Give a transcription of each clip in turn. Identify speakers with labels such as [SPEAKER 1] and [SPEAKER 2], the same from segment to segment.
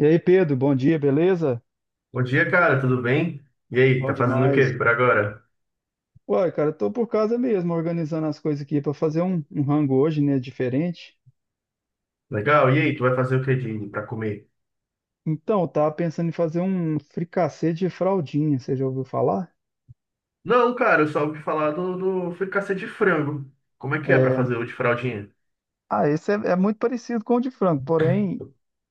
[SPEAKER 1] E aí, Pedro, bom dia, beleza?
[SPEAKER 2] Bom dia, cara, tudo bem? E aí,
[SPEAKER 1] Bom
[SPEAKER 2] tá fazendo o
[SPEAKER 1] demais.
[SPEAKER 2] quê por agora?
[SPEAKER 1] Uai, cara, tô por casa mesmo, organizando as coisas aqui para fazer um rango hoje, né, diferente.
[SPEAKER 2] Legal, e aí, tu vai fazer o que de pra comer?
[SPEAKER 1] Então, eu tava pensando em fazer um fricassê de fraldinha, você já ouviu falar?
[SPEAKER 2] Não, cara, eu só ouvi falar do fricassê de frango. Como é que é pra
[SPEAKER 1] É,
[SPEAKER 2] fazer o de fraldinha?
[SPEAKER 1] Ah, esse é muito parecido com o de frango, porém,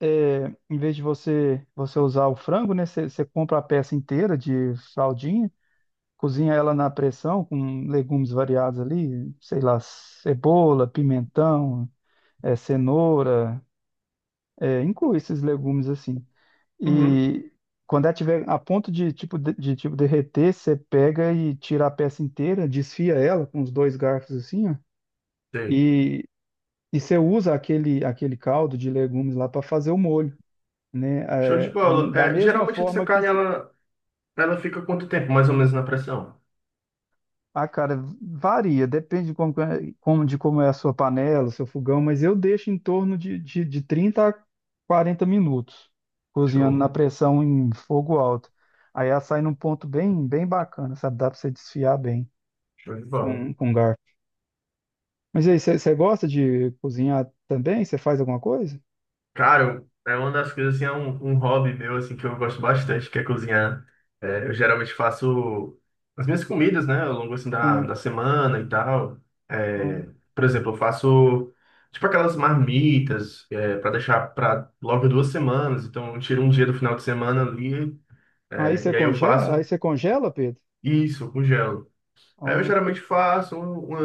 [SPEAKER 1] em vez de você usar o frango, né, você compra a peça inteira de fraldinha, cozinha ela na pressão com legumes variados ali, sei lá, cebola, pimentão, cenoura, inclui esses legumes assim.
[SPEAKER 2] Uhum.
[SPEAKER 1] E quando ela tiver a ponto de tipo tipo derreter, você pega e tira a peça inteira, desfia ela com os dois garfos assim, ó,
[SPEAKER 2] Sei.
[SPEAKER 1] e, e você usa aquele caldo de legumes lá para fazer o molho, né?
[SPEAKER 2] Show de bola.
[SPEAKER 1] Da
[SPEAKER 2] É,
[SPEAKER 1] mesma
[SPEAKER 2] geralmente essa
[SPEAKER 1] forma que
[SPEAKER 2] carne, ela fica quanto tempo, mais ou menos, na pressão?
[SPEAKER 1] ah, cara, varia, depende de como, de como é a sua panela, o seu fogão, mas eu deixo em torno de 30 a quarenta minutos cozinhando na,
[SPEAKER 2] Show,
[SPEAKER 1] uhum, pressão em fogo alto. Aí ela sai num ponto bem, bem bacana, sabe? Dá pra você desfiar bem
[SPEAKER 2] show de bola.
[SPEAKER 1] com garfo. Mas aí, você gosta de cozinhar também? Você faz alguma coisa?
[SPEAKER 2] Claro, é uma das coisas, assim, é um hobby meu, assim, que eu gosto bastante, que é cozinhar. É, eu geralmente faço as minhas comidas, né, ao longo, assim, da,
[SPEAKER 1] Ah,
[SPEAKER 2] da semana e tal.
[SPEAKER 1] ó.
[SPEAKER 2] É, por exemplo, eu faço, tipo, aquelas marmitas, é, para deixar para logo 2 semanas. Então, eu tiro um dia do final de semana ali,
[SPEAKER 1] Aí
[SPEAKER 2] é,
[SPEAKER 1] você
[SPEAKER 2] e aí eu
[SPEAKER 1] congela,
[SPEAKER 2] faço
[SPEAKER 1] Pedro?
[SPEAKER 2] isso, eu congelo. É, eu
[SPEAKER 1] Ó,
[SPEAKER 2] geralmente faço um, uma,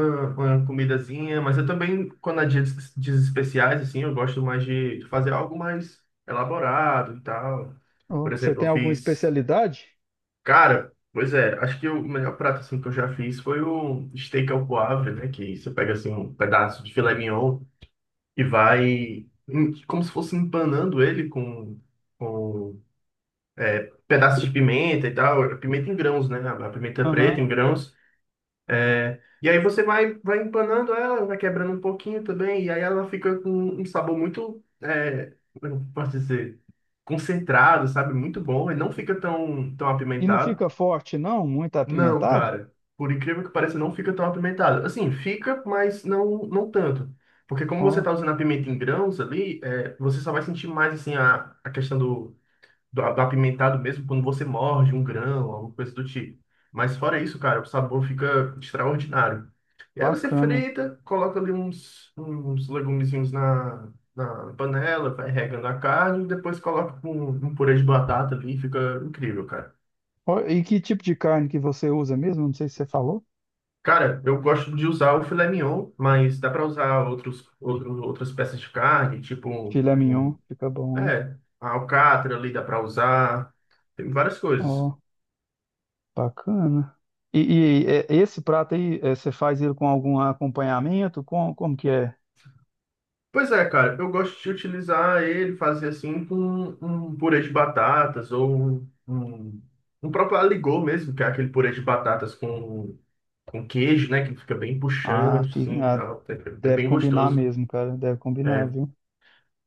[SPEAKER 2] uma comidazinha, mas eu também, quando há dias especiais, assim, eu gosto mais de fazer algo mais elaborado e tal.
[SPEAKER 1] ó.
[SPEAKER 2] Por
[SPEAKER 1] Você
[SPEAKER 2] exemplo,
[SPEAKER 1] tem
[SPEAKER 2] eu
[SPEAKER 1] alguma
[SPEAKER 2] fiz.
[SPEAKER 1] especialidade?
[SPEAKER 2] Cara, pois é, acho que o melhor prato assim, que eu já fiz foi o steak ao poivre, né? Que você pega assim, um pedaço de filé mignon e vai como se fosse empanando ele com pedaços de pimenta e tal. Pimenta em grãos, né? A pimenta preta
[SPEAKER 1] Aham.
[SPEAKER 2] em grãos. É, e aí você vai empanando ela, vai quebrando um pouquinho também, e aí ela fica com um sabor muito, como eu posso dizer, concentrado, sabe? Muito bom, e não fica tão, tão
[SPEAKER 1] E não
[SPEAKER 2] apimentado.
[SPEAKER 1] fica forte, não? Muito
[SPEAKER 2] Não,
[SPEAKER 1] apimentado?
[SPEAKER 2] cara, por incrível que pareça, não fica tão apimentado. Assim, fica, mas não, não tanto. Porque como você tá
[SPEAKER 1] Ó.
[SPEAKER 2] usando a pimenta em grãos ali, você só vai sentir mais, assim, a questão do apimentado mesmo quando você morde um grão, alguma coisa do tipo. Mas fora isso, cara, o sabor fica extraordinário. E aí você
[SPEAKER 1] Bacana.
[SPEAKER 2] frita, coloca ali uns legumezinhos na panela, vai regando a carne, e depois coloca com um purê de batata ali, fica incrível, cara.
[SPEAKER 1] Ó, e que tipo de carne que você usa mesmo? Não sei se você falou.
[SPEAKER 2] Cara, eu gosto de usar o filé mignon, mas dá para usar outros, outro, outras peças de carne, tipo
[SPEAKER 1] Filé mignon, fica bom, hein?
[SPEAKER 2] a alcatra ali dá para usar, tem várias coisas.
[SPEAKER 1] Ó, bacana. E, e, esse prato aí, você faz ele com algum acompanhamento? Com, como que é?
[SPEAKER 2] Pois é, cara, eu gosto de utilizar ele, fazer assim com um purê de batatas ou um, um um próprio aligot mesmo, que é aquele purê de batatas com queijo, né? Que fica bem puxante, assim, e
[SPEAKER 1] Ah,
[SPEAKER 2] tal. É, é
[SPEAKER 1] deve
[SPEAKER 2] bem
[SPEAKER 1] combinar
[SPEAKER 2] gostoso.
[SPEAKER 1] mesmo, cara. Deve combinar,
[SPEAKER 2] É.
[SPEAKER 1] viu?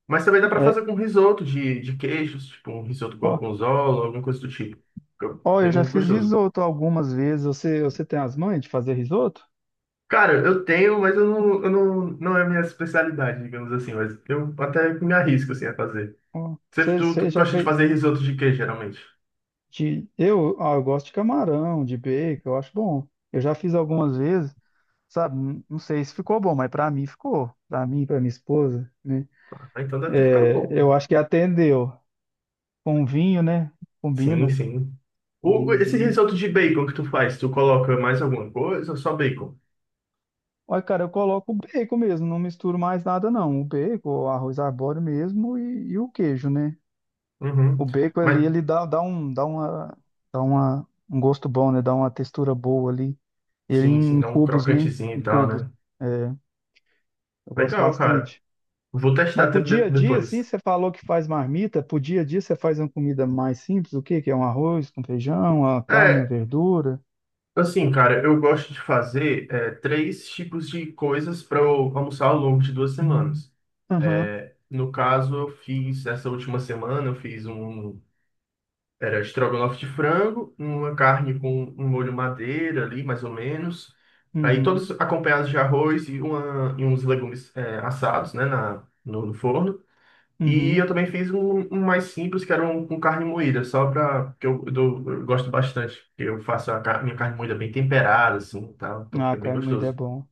[SPEAKER 2] Mas também dá pra
[SPEAKER 1] É,
[SPEAKER 2] fazer com risoto de queijos, tipo um risoto
[SPEAKER 1] ó,
[SPEAKER 2] gorgonzola, alguma coisa do tipo. Fica
[SPEAKER 1] ó, eu já
[SPEAKER 2] bem
[SPEAKER 1] fiz
[SPEAKER 2] gostoso.
[SPEAKER 1] risoto algumas vezes. Você tem as manhas de fazer risoto?
[SPEAKER 2] Cara, eu tenho, mas eu não, não é a minha especialidade, digamos assim, mas eu até me arrisco assim a fazer.
[SPEAKER 1] Ó,
[SPEAKER 2] Você,
[SPEAKER 1] você,
[SPEAKER 2] tu,
[SPEAKER 1] você
[SPEAKER 2] tu
[SPEAKER 1] já
[SPEAKER 2] gosta de
[SPEAKER 1] fez
[SPEAKER 2] fazer risoto de queijo, geralmente?
[SPEAKER 1] de... ah, eu gosto de camarão, de bacon, eu acho bom. Eu já fiz algumas vezes. Sabe? Não sei se ficou bom, mas pra mim ficou. Pra mim, pra minha esposa, né?
[SPEAKER 2] Ah, então deve ter ficado
[SPEAKER 1] É,
[SPEAKER 2] bom.
[SPEAKER 1] eu acho que atendeu. Com vinho, né?
[SPEAKER 2] Sim,
[SPEAKER 1] Combina.
[SPEAKER 2] sim.
[SPEAKER 1] Com
[SPEAKER 2] O, esse
[SPEAKER 1] vinhozinho.
[SPEAKER 2] risoto de bacon que tu faz, tu coloca mais alguma coisa ou só bacon?
[SPEAKER 1] Olha, cara, eu coloco o bacon mesmo, não misturo mais nada, não. O bacon, o arroz arbóreo mesmo e o queijo, né? O
[SPEAKER 2] Uhum.
[SPEAKER 1] bacon ali,
[SPEAKER 2] Mas
[SPEAKER 1] ele dá um gosto bom, né? Dá uma textura boa ali. Ele
[SPEAKER 2] sim, sim,
[SPEAKER 1] em
[SPEAKER 2] dá um
[SPEAKER 1] cubos, né?
[SPEAKER 2] crocantezinho
[SPEAKER 1] Em
[SPEAKER 2] e tal,
[SPEAKER 1] cubos.
[SPEAKER 2] né?
[SPEAKER 1] É, eu gosto
[SPEAKER 2] Legal, cara.
[SPEAKER 1] bastante.
[SPEAKER 2] Vou
[SPEAKER 1] Mas
[SPEAKER 2] testar
[SPEAKER 1] pro dia a dia, assim,
[SPEAKER 2] depois.
[SPEAKER 1] você falou que faz marmita, pro dia a dia você faz uma comida mais simples, o quê? Que é um arroz com feijão, uma carne, uma
[SPEAKER 2] É,
[SPEAKER 1] verdura.
[SPEAKER 2] assim, cara, eu gosto de fazer três tipos de coisas para eu almoçar ao longo de 2 semanas.
[SPEAKER 1] Aham,
[SPEAKER 2] No caso, eu fiz, essa última semana, eu fiz um Era estrogonofe de frango, uma carne com um molho madeira ali, mais ou menos. Aí
[SPEAKER 1] uhum,
[SPEAKER 2] todos acompanhados de arroz e, uns legumes assados, né, na, no, no forno. E
[SPEAKER 1] uhum.
[SPEAKER 2] eu também fiz um mais simples, que era um com carne moída, só para que eu gosto bastante. Eu faço minha carne moída bem temperada, assim, tá? Então
[SPEAKER 1] Ah,
[SPEAKER 2] fica bem
[SPEAKER 1] carne moída é
[SPEAKER 2] gostoso.
[SPEAKER 1] bom.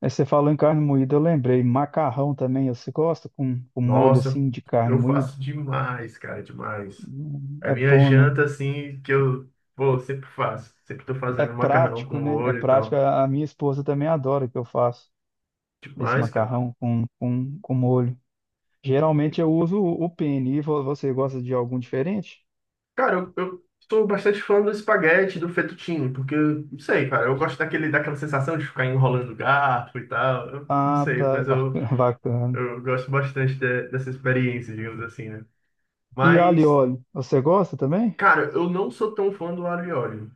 [SPEAKER 1] Aí você falou em carne moída, eu lembrei. Macarrão também, você gosta com molho
[SPEAKER 2] Nossa,
[SPEAKER 1] assim de carne
[SPEAKER 2] eu
[SPEAKER 1] moída?
[SPEAKER 2] faço demais, cara, demais. É a
[SPEAKER 1] É
[SPEAKER 2] minha
[SPEAKER 1] bom, né?
[SPEAKER 2] janta, assim, que eu, pô, sempre faço. Sempre tô
[SPEAKER 1] É
[SPEAKER 2] fazendo macarrão com
[SPEAKER 1] prático, né? É
[SPEAKER 2] molho e
[SPEAKER 1] prático.
[SPEAKER 2] tal.
[SPEAKER 1] A minha esposa também adora que eu faço esse
[SPEAKER 2] Demais, cara.
[SPEAKER 1] macarrão com molho. Geralmente eu uso o penne. E você gosta de algum diferente?
[SPEAKER 2] Cara, eu sou bastante fã do espaguete, do fettuccine, porque, não sei, cara, eu gosto daquela sensação de ficar enrolando o garfo e tal. Eu não
[SPEAKER 1] Ah,
[SPEAKER 2] sei,
[SPEAKER 1] tá. É,
[SPEAKER 2] mas
[SPEAKER 1] bacana.
[SPEAKER 2] eu,
[SPEAKER 1] Bacana.
[SPEAKER 2] eu gosto bastante dessa experiência, digamos assim, né?
[SPEAKER 1] E alho e
[SPEAKER 2] Mas,
[SPEAKER 1] óleo, você gosta também?
[SPEAKER 2] cara, eu não sou tão fã do alho e óleo.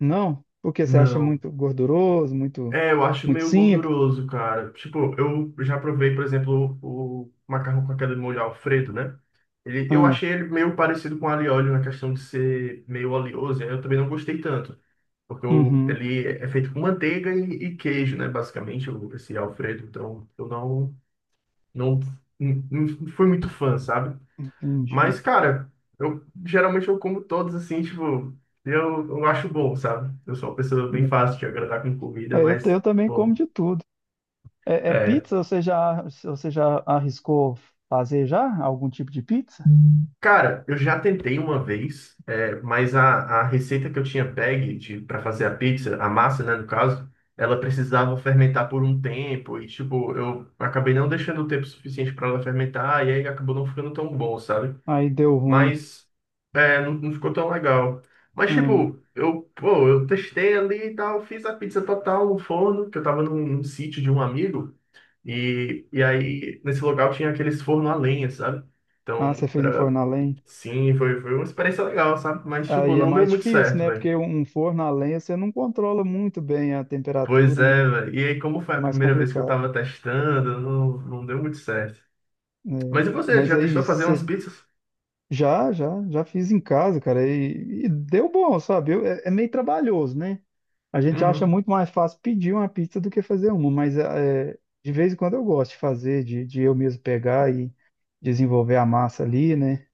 [SPEAKER 1] Não? Porque você acha
[SPEAKER 2] Não.
[SPEAKER 1] muito gorduroso, muito,
[SPEAKER 2] É, eu acho
[SPEAKER 1] muito
[SPEAKER 2] meio
[SPEAKER 1] simples?
[SPEAKER 2] gorduroso, cara. Tipo, eu já provei, por exemplo, o macarrão com aquele molho Alfredo, né? Eu
[SPEAKER 1] Ah,
[SPEAKER 2] achei ele meio parecido com alho e óleo na questão de ser meio oleoso, e aí eu também não gostei tanto. Porque o,
[SPEAKER 1] uhum.
[SPEAKER 2] ele é feito com manteiga e queijo, né? Basicamente, esse Alfredo. Então, eu não, não fui muito fã, sabe?
[SPEAKER 1] Entendi.
[SPEAKER 2] Mas, cara, eu geralmente eu como todos assim, tipo, eu acho bom, sabe? Eu sou uma pessoa bem fácil de agradar com comida,
[SPEAKER 1] É,
[SPEAKER 2] mas,
[SPEAKER 1] eu também como
[SPEAKER 2] bom.
[SPEAKER 1] de tudo. É, é
[SPEAKER 2] é,
[SPEAKER 1] pizza? Você já arriscou fazer já algum tipo de pizza?
[SPEAKER 2] Cara, eu já tentei uma vez, mas a receita que eu tinha pegue para fazer a pizza, a massa, né, no caso, ela precisava fermentar por um tempo e, tipo, eu acabei não deixando o tempo suficiente para ela fermentar e aí acabou não ficando tão bom, sabe?
[SPEAKER 1] Aí deu ruim.
[SPEAKER 2] Mas não, não ficou tão legal. Mas,
[SPEAKER 1] Hum.
[SPEAKER 2] tipo, eu, pô, eu testei ali e tal, fiz a pizza total no forno, que eu tava num sítio de um amigo e aí nesse local tinha aqueles forno a lenha, sabe?
[SPEAKER 1] Ah, você
[SPEAKER 2] Então,
[SPEAKER 1] fez no
[SPEAKER 2] era
[SPEAKER 1] forno a lenha?
[SPEAKER 2] Sim, foi uma experiência legal, sabe? Mas, tipo,
[SPEAKER 1] Aí é
[SPEAKER 2] não deu
[SPEAKER 1] mais
[SPEAKER 2] muito
[SPEAKER 1] difícil,
[SPEAKER 2] certo,
[SPEAKER 1] né?
[SPEAKER 2] velho.
[SPEAKER 1] Porque um forno a lenha você não controla muito bem a
[SPEAKER 2] Pois
[SPEAKER 1] temperatura, né?
[SPEAKER 2] é, velho. E aí, como foi
[SPEAKER 1] É
[SPEAKER 2] a
[SPEAKER 1] mais
[SPEAKER 2] primeira vez que eu
[SPEAKER 1] complicado,
[SPEAKER 2] tava testando, não deu muito certo.
[SPEAKER 1] né?
[SPEAKER 2] Mas e você,
[SPEAKER 1] Mas
[SPEAKER 2] já
[SPEAKER 1] aí
[SPEAKER 2] testou fazer
[SPEAKER 1] você
[SPEAKER 2] umas pizzas?
[SPEAKER 1] já fiz em casa, cara, e deu bom, sabe? É, meio trabalhoso, né? A gente acha
[SPEAKER 2] Uhum.
[SPEAKER 1] muito mais fácil pedir uma pizza do que fazer uma, mas é, é, de vez em quando eu gosto de fazer, de eu mesmo pegar e desenvolver a massa ali, né?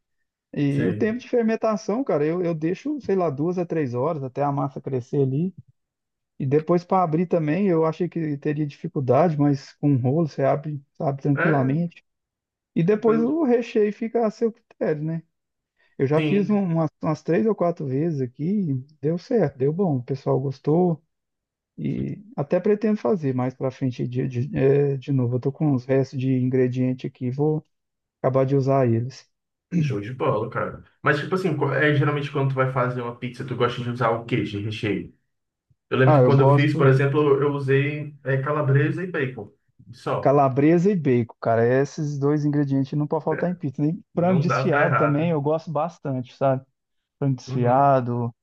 [SPEAKER 1] E o
[SPEAKER 2] Sim.
[SPEAKER 1] tempo de fermentação, cara, eu deixo, sei lá, 2 a 3 horas até a massa crescer ali. E depois para abrir também, eu achei que teria dificuldade, mas com um rolo você abre, abre
[SPEAKER 2] É,
[SPEAKER 1] tranquilamente. E depois
[SPEAKER 2] tranquilo.
[SPEAKER 1] o recheio fica a seu critério, né? Eu já fiz
[SPEAKER 2] Sim.
[SPEAKER 1] umas três ou quatro vezes aqui, e deu certo, deu bom, o pessoal gostou e até pretendo fazer mais para frente de novo. Eu tô com uns restos de ingrediente aqui, vou acabar de usar eles.
[SPEAKER 2] Show de bola, cara. Mas, tipo assim, geralmente quando tu vai fazer uma pizza, tu gosta de usar o quê de recheio? Eu lembro
[SPEAKER 1] Ah,
[SPEAKER 2] que
[SPEAKER 1] eu
[SPEAKER 2] quando eu fiz,
[SPEAKER 1] gosto
[SPEAKER 2] por
[SPEAKER 1] de
[SPEAKER 2] exemplo, eu usei calabresa e bacon. Só.
[SPEAKER 1] calabresa e bacon, cara. Esses dois ingredientes não pode faltar em
[SPEAKER 2] É,
[SPEAKER 1] pizza. E frango
[SPEAKER 2] não dá pra
[SPEAKER 1] desfiado
[SPEAKER 2] errar,
[SPEAKER 1] também
[SPEAKER 2] né?
[SPEAKER 1] eu gosto bastante, sabe? Frango
[SPEAKER 2] Uhum.
[SPEAKER 1] desfiado.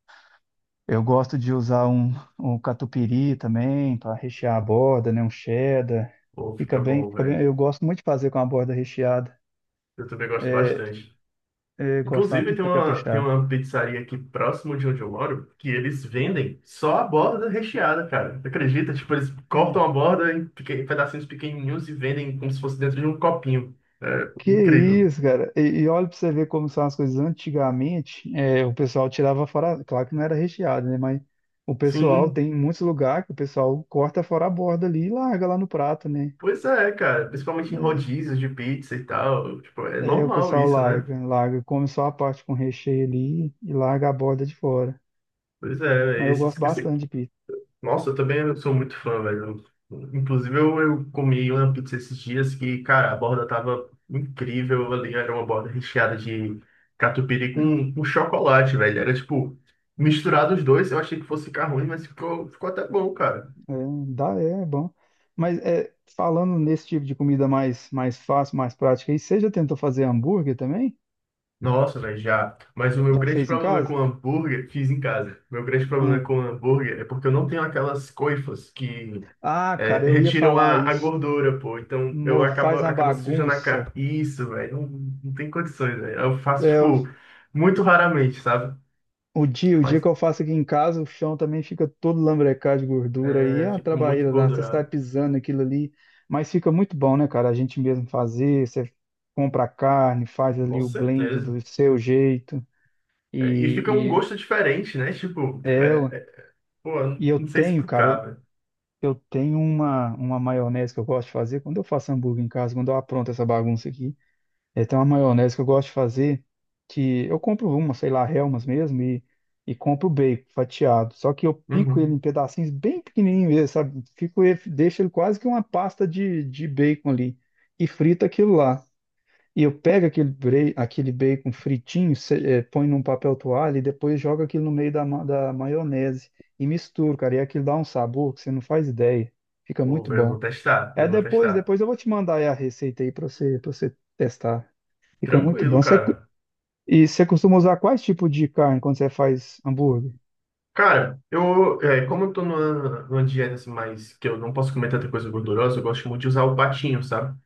[SPEAKER 1] Eu gosto de usar um catupiry também para rechear a borda, né? Um cheddar.
[SPEAKER 2] Pô,
[SPEAKER 1] Fica
[SPEAKER 2] fica
[SPEAKER 1] bem,
[SPEAKER 2] bom,
[SPEAKER 1] fica bem.
[SPEAKER 2] velho.
[SPEAKER 1] Eu gosto muito de fazer com a borda recheada.
[SPEAKER 2] Eu também gosto bastante.
[SPEAKER 1] Eu gosto da
[SPEAKER 2] Inclusive, tem
[SPEAKER 1] pizza
[SPEAKER 2] uma, tem
[SPEAKER 1] caprichada.
[SPEAKER 2] uma pizzaria aqui próximo de onde eu moro que eles vendem só a borda recheada, cara. Tu acredita? Tipo, eles cortam a borda em pedacinhos pequenininhos e vendem como se fosse dentro de um copinho. É
[SPEAKER 1] Que
[SPEAKER 2] incrível.
[SPEAKER 1] isso, cara. E olha para você ver como são as coisas. Antigamente, o pessoal tirava fora. Claro que não era recheado, né? Mas o pessoal
[SPEAKER 2] Sim,
[SPEAKER 1] tem muitos lugares que o pessoal corta fora a borda ali e larga lá no prato, né?
[SPEAKER 2] pois é, cara. Principalmente em rodízios de pizza e tal. Tipo, é
[SPEAKER 1] O
[SPEAKER 2] normal
[SPEAKER 1] pessoal
[SPEAKER 2] isso, né?
[SPEAKER 1] come só a parte com recheio ali e larga a borda de fora.
[SPEAKER 2] Pois
[SPEAKER 1] Mas
[SPEAKER 2] é.
[SPEAKER 1] eu gosto bastante de pizza.
[SPEAKER 2] Nossa, eu também sou muito fã, velho. Inclusive, eu comi uma pizza esses dias que, cara, a borda tava incrível ali. Era uma borda recheada de catupiry com chocolate, velho. Era tipo, misturado os dois. Eu achei que fosse ficar ruim, mas ficou até bom, cara.
[SPEAKER 1] É, dá, bom. Mas é, falando nesse tipo de comida mais, mais fácil, mais prática, aí, você já tentou fazer hambúrguer também?
[SPEAKER 2] Nossa, velho, já. Mas o meu
[SPEAKER 1] Já
[SPEAKER 2] grande
[SPEAKER 1] fez em
[SPEAKER 2] problema
[SPEAKER 1] casa?
[SPEAKER 2] com hambúrguer, fiz em casa. Meu grande
[SPEAKER 1] Ah,
[SPEAKER 2] problema com hambúrguer é porque eu não tenho aquelas coifas que
[SPEAKER 1] Cara, eu ia
[SPEAKER 2] retiram
[SPEAKER 1] falar
[SPEAKER 2] a
[SPEAKER 1] isso.
[SPEAKER 2] gordura, pô. Então eu acabo,
[SPEAKER 1] Faz uma
[SPEAKER 2] acabo sujando a
[SPEAKER 1] bagunça.
[SPEAKER 2] cara. Isso, velho, não, não tem condições, velho. Eu faço,
[SPEAKER 1] É,
[SPEAKER 2] tipo, muito raramente, sabe?
[SPEAKER 1] o dia
[SPEAKER 2] Mas
[SPEAKER 1] que eu faço aqui em casa, o chão também fica todo lambrecado de gordura e é a
[SPEAKER 2] fico muito
[SPEAKER 1] trabalheira, né? Você está
[SPEAKER 2] engordurado.
[SPEAKER 1] pisando aquilo ali, mas fica muito bom, né, cara? A gente mesmo fazer, você compra a carne, faz ali
[SPEAKER 2] Com
[SPEAKER 1] o blend do
[SPEAKER 2] certeza.
[SPEAKER 1] seu jeito,
[SPEAKER 2] É, e fica um
[SPEAKER 1] e, e
[SPEAKER 2] gosto diferente, né? Tipo,
[SPEAKER 1] é,
[SPEAKER 2] pô, eu
[SPEAKER 1] e eu
[SPEAKER 2] não sei
[SPEAKER 1] tenho, cara,
[SPEAKER 2] explicar, velho.
[SPEAKER 1] eu tenho uma maionese que eu gosto de fazer. Quando eu faço hambúrguer em casa, quando eu apronto essa bagunça aqui, é, tem uma maionese que eu gosto de fazer, que eu compro uma, sei lá, Hellmann's mesmo, e compro o bacon fatiado. Só que eu pico ele
[SPEAKER 2] Uhum.
[SPEAKER 1] em pedacinhos bem pequenininhos mesmo, sabe? Deixo ele quase que uma pasta de bacon ali. E frito aquilo lá. E eu pego aquele bacon fritinho, põe num papel toalha e depois jogo aquilo no meio da maionese e misturo, cara. E aquilo dá um sabor que você não faz ideia. Fica
[SPEAKER 2] Pô,
[SPEAKER 1] muito
[SPEAKER 2] velho, eu
[SPEAKER 1] bom.
[SPEAKER 2] vou testar,
[SPEAKER 1] É
[SPEAKER 2] eu vou
[SPEAKER 1] depois,
[SPEAKER 2] testar.
[SPEAKER 1] depois eu vou te mandar aí a receita aí para você testar. Fica muito
[SPEAKER 2] Tranquilo,
[SPEAKER 1] bom. Você, cu-
[SPEAKER 2] cara.
[SPEAKER 1] e Você costuma usar quais tipos de carne quando você faz hambúrguer?
[SPEAKER 2] Cara, como eu tô numa dieta assim, mas que eu não posso comer tanta coisa gordurosa, eu gosto muito de usar o patinho, sabe?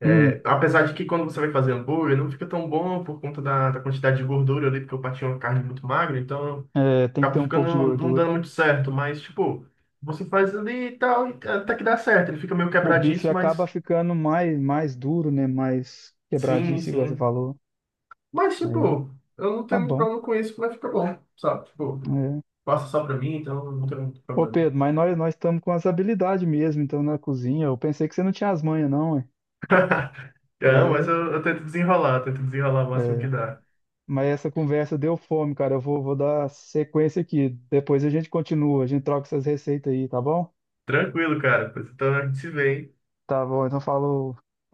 [SPEAKER 2] É,
[SPEAKER 1] Hum,
[SPEAKER 2] apesar de que quando você vai fazer hambúrguer, não fica tão bom por conta da quantidade de gordura ali, porque o patinho é uma carne muito magra, então
[SPEAKER 1] tem que
[SPEAKER 2] acaba
[SPEAKER 1] ter um
[SPEAKER 2] ficando,
[SPEAKER 1] pouco de
[SPEAKER 2] não
[SPEAKER 1] gordura.
[SPEAKER 2] dando muito certo, mas tipo, você faz ali e tal, e até que dá certo, ele fica meio
[SPEAKER 1] O bife
[SPEAKER 2] quebradiço,
[SPEAKER 1] acaba
[SPEAKER 2] mas
[SPEAKER 1] ficando mais duro, né? Mais
[SPEAKER 2] sim,
[SPEAKER 1] quebradiço, igual você
[SPEAKER 2] sim.
[SPEAKER 1] falou.
[SPEAKER 2] Mas
[SPEAKER 1] É,
[SPEAKER 2] tipo, eu não
[SPEAKER 1] tá
[SPEAKER 2] tenho muito
[SPEAKER 1] bom.
[SPEAKER 2] problema com isso, mas ficar bom, sabe? Tipo, passa só pra mim, então não tem muito
[SPEAKER 1] Ô
[SPEAKER 2] problema.
[SPEAKER 1] Pedro, mas nós estamos com as habilidades mesmo, então, na cozinha. Eu pensei que você não tinha as manhas, não, hein?
[SPEAKER 2] Não, mas
[SPEAKER 1] É,
[SPEAKER 2] eu tento desenrolar o máximo que
[SPEAKER 1] é.
[SPEAKER 2] dá.
[SPEAKER 1] Mas essa conversa deu fome, cara. Eu vou dar sequência aqui. Depois a gente continua, a gente troca essas receitas aí, tá bom?
[SPEAKER 2] Tranquilo, cara. Pois então a gente se vê, hein?
[SPEAKER 1] Tá bom, então falou.
[SPEAKER 2] Um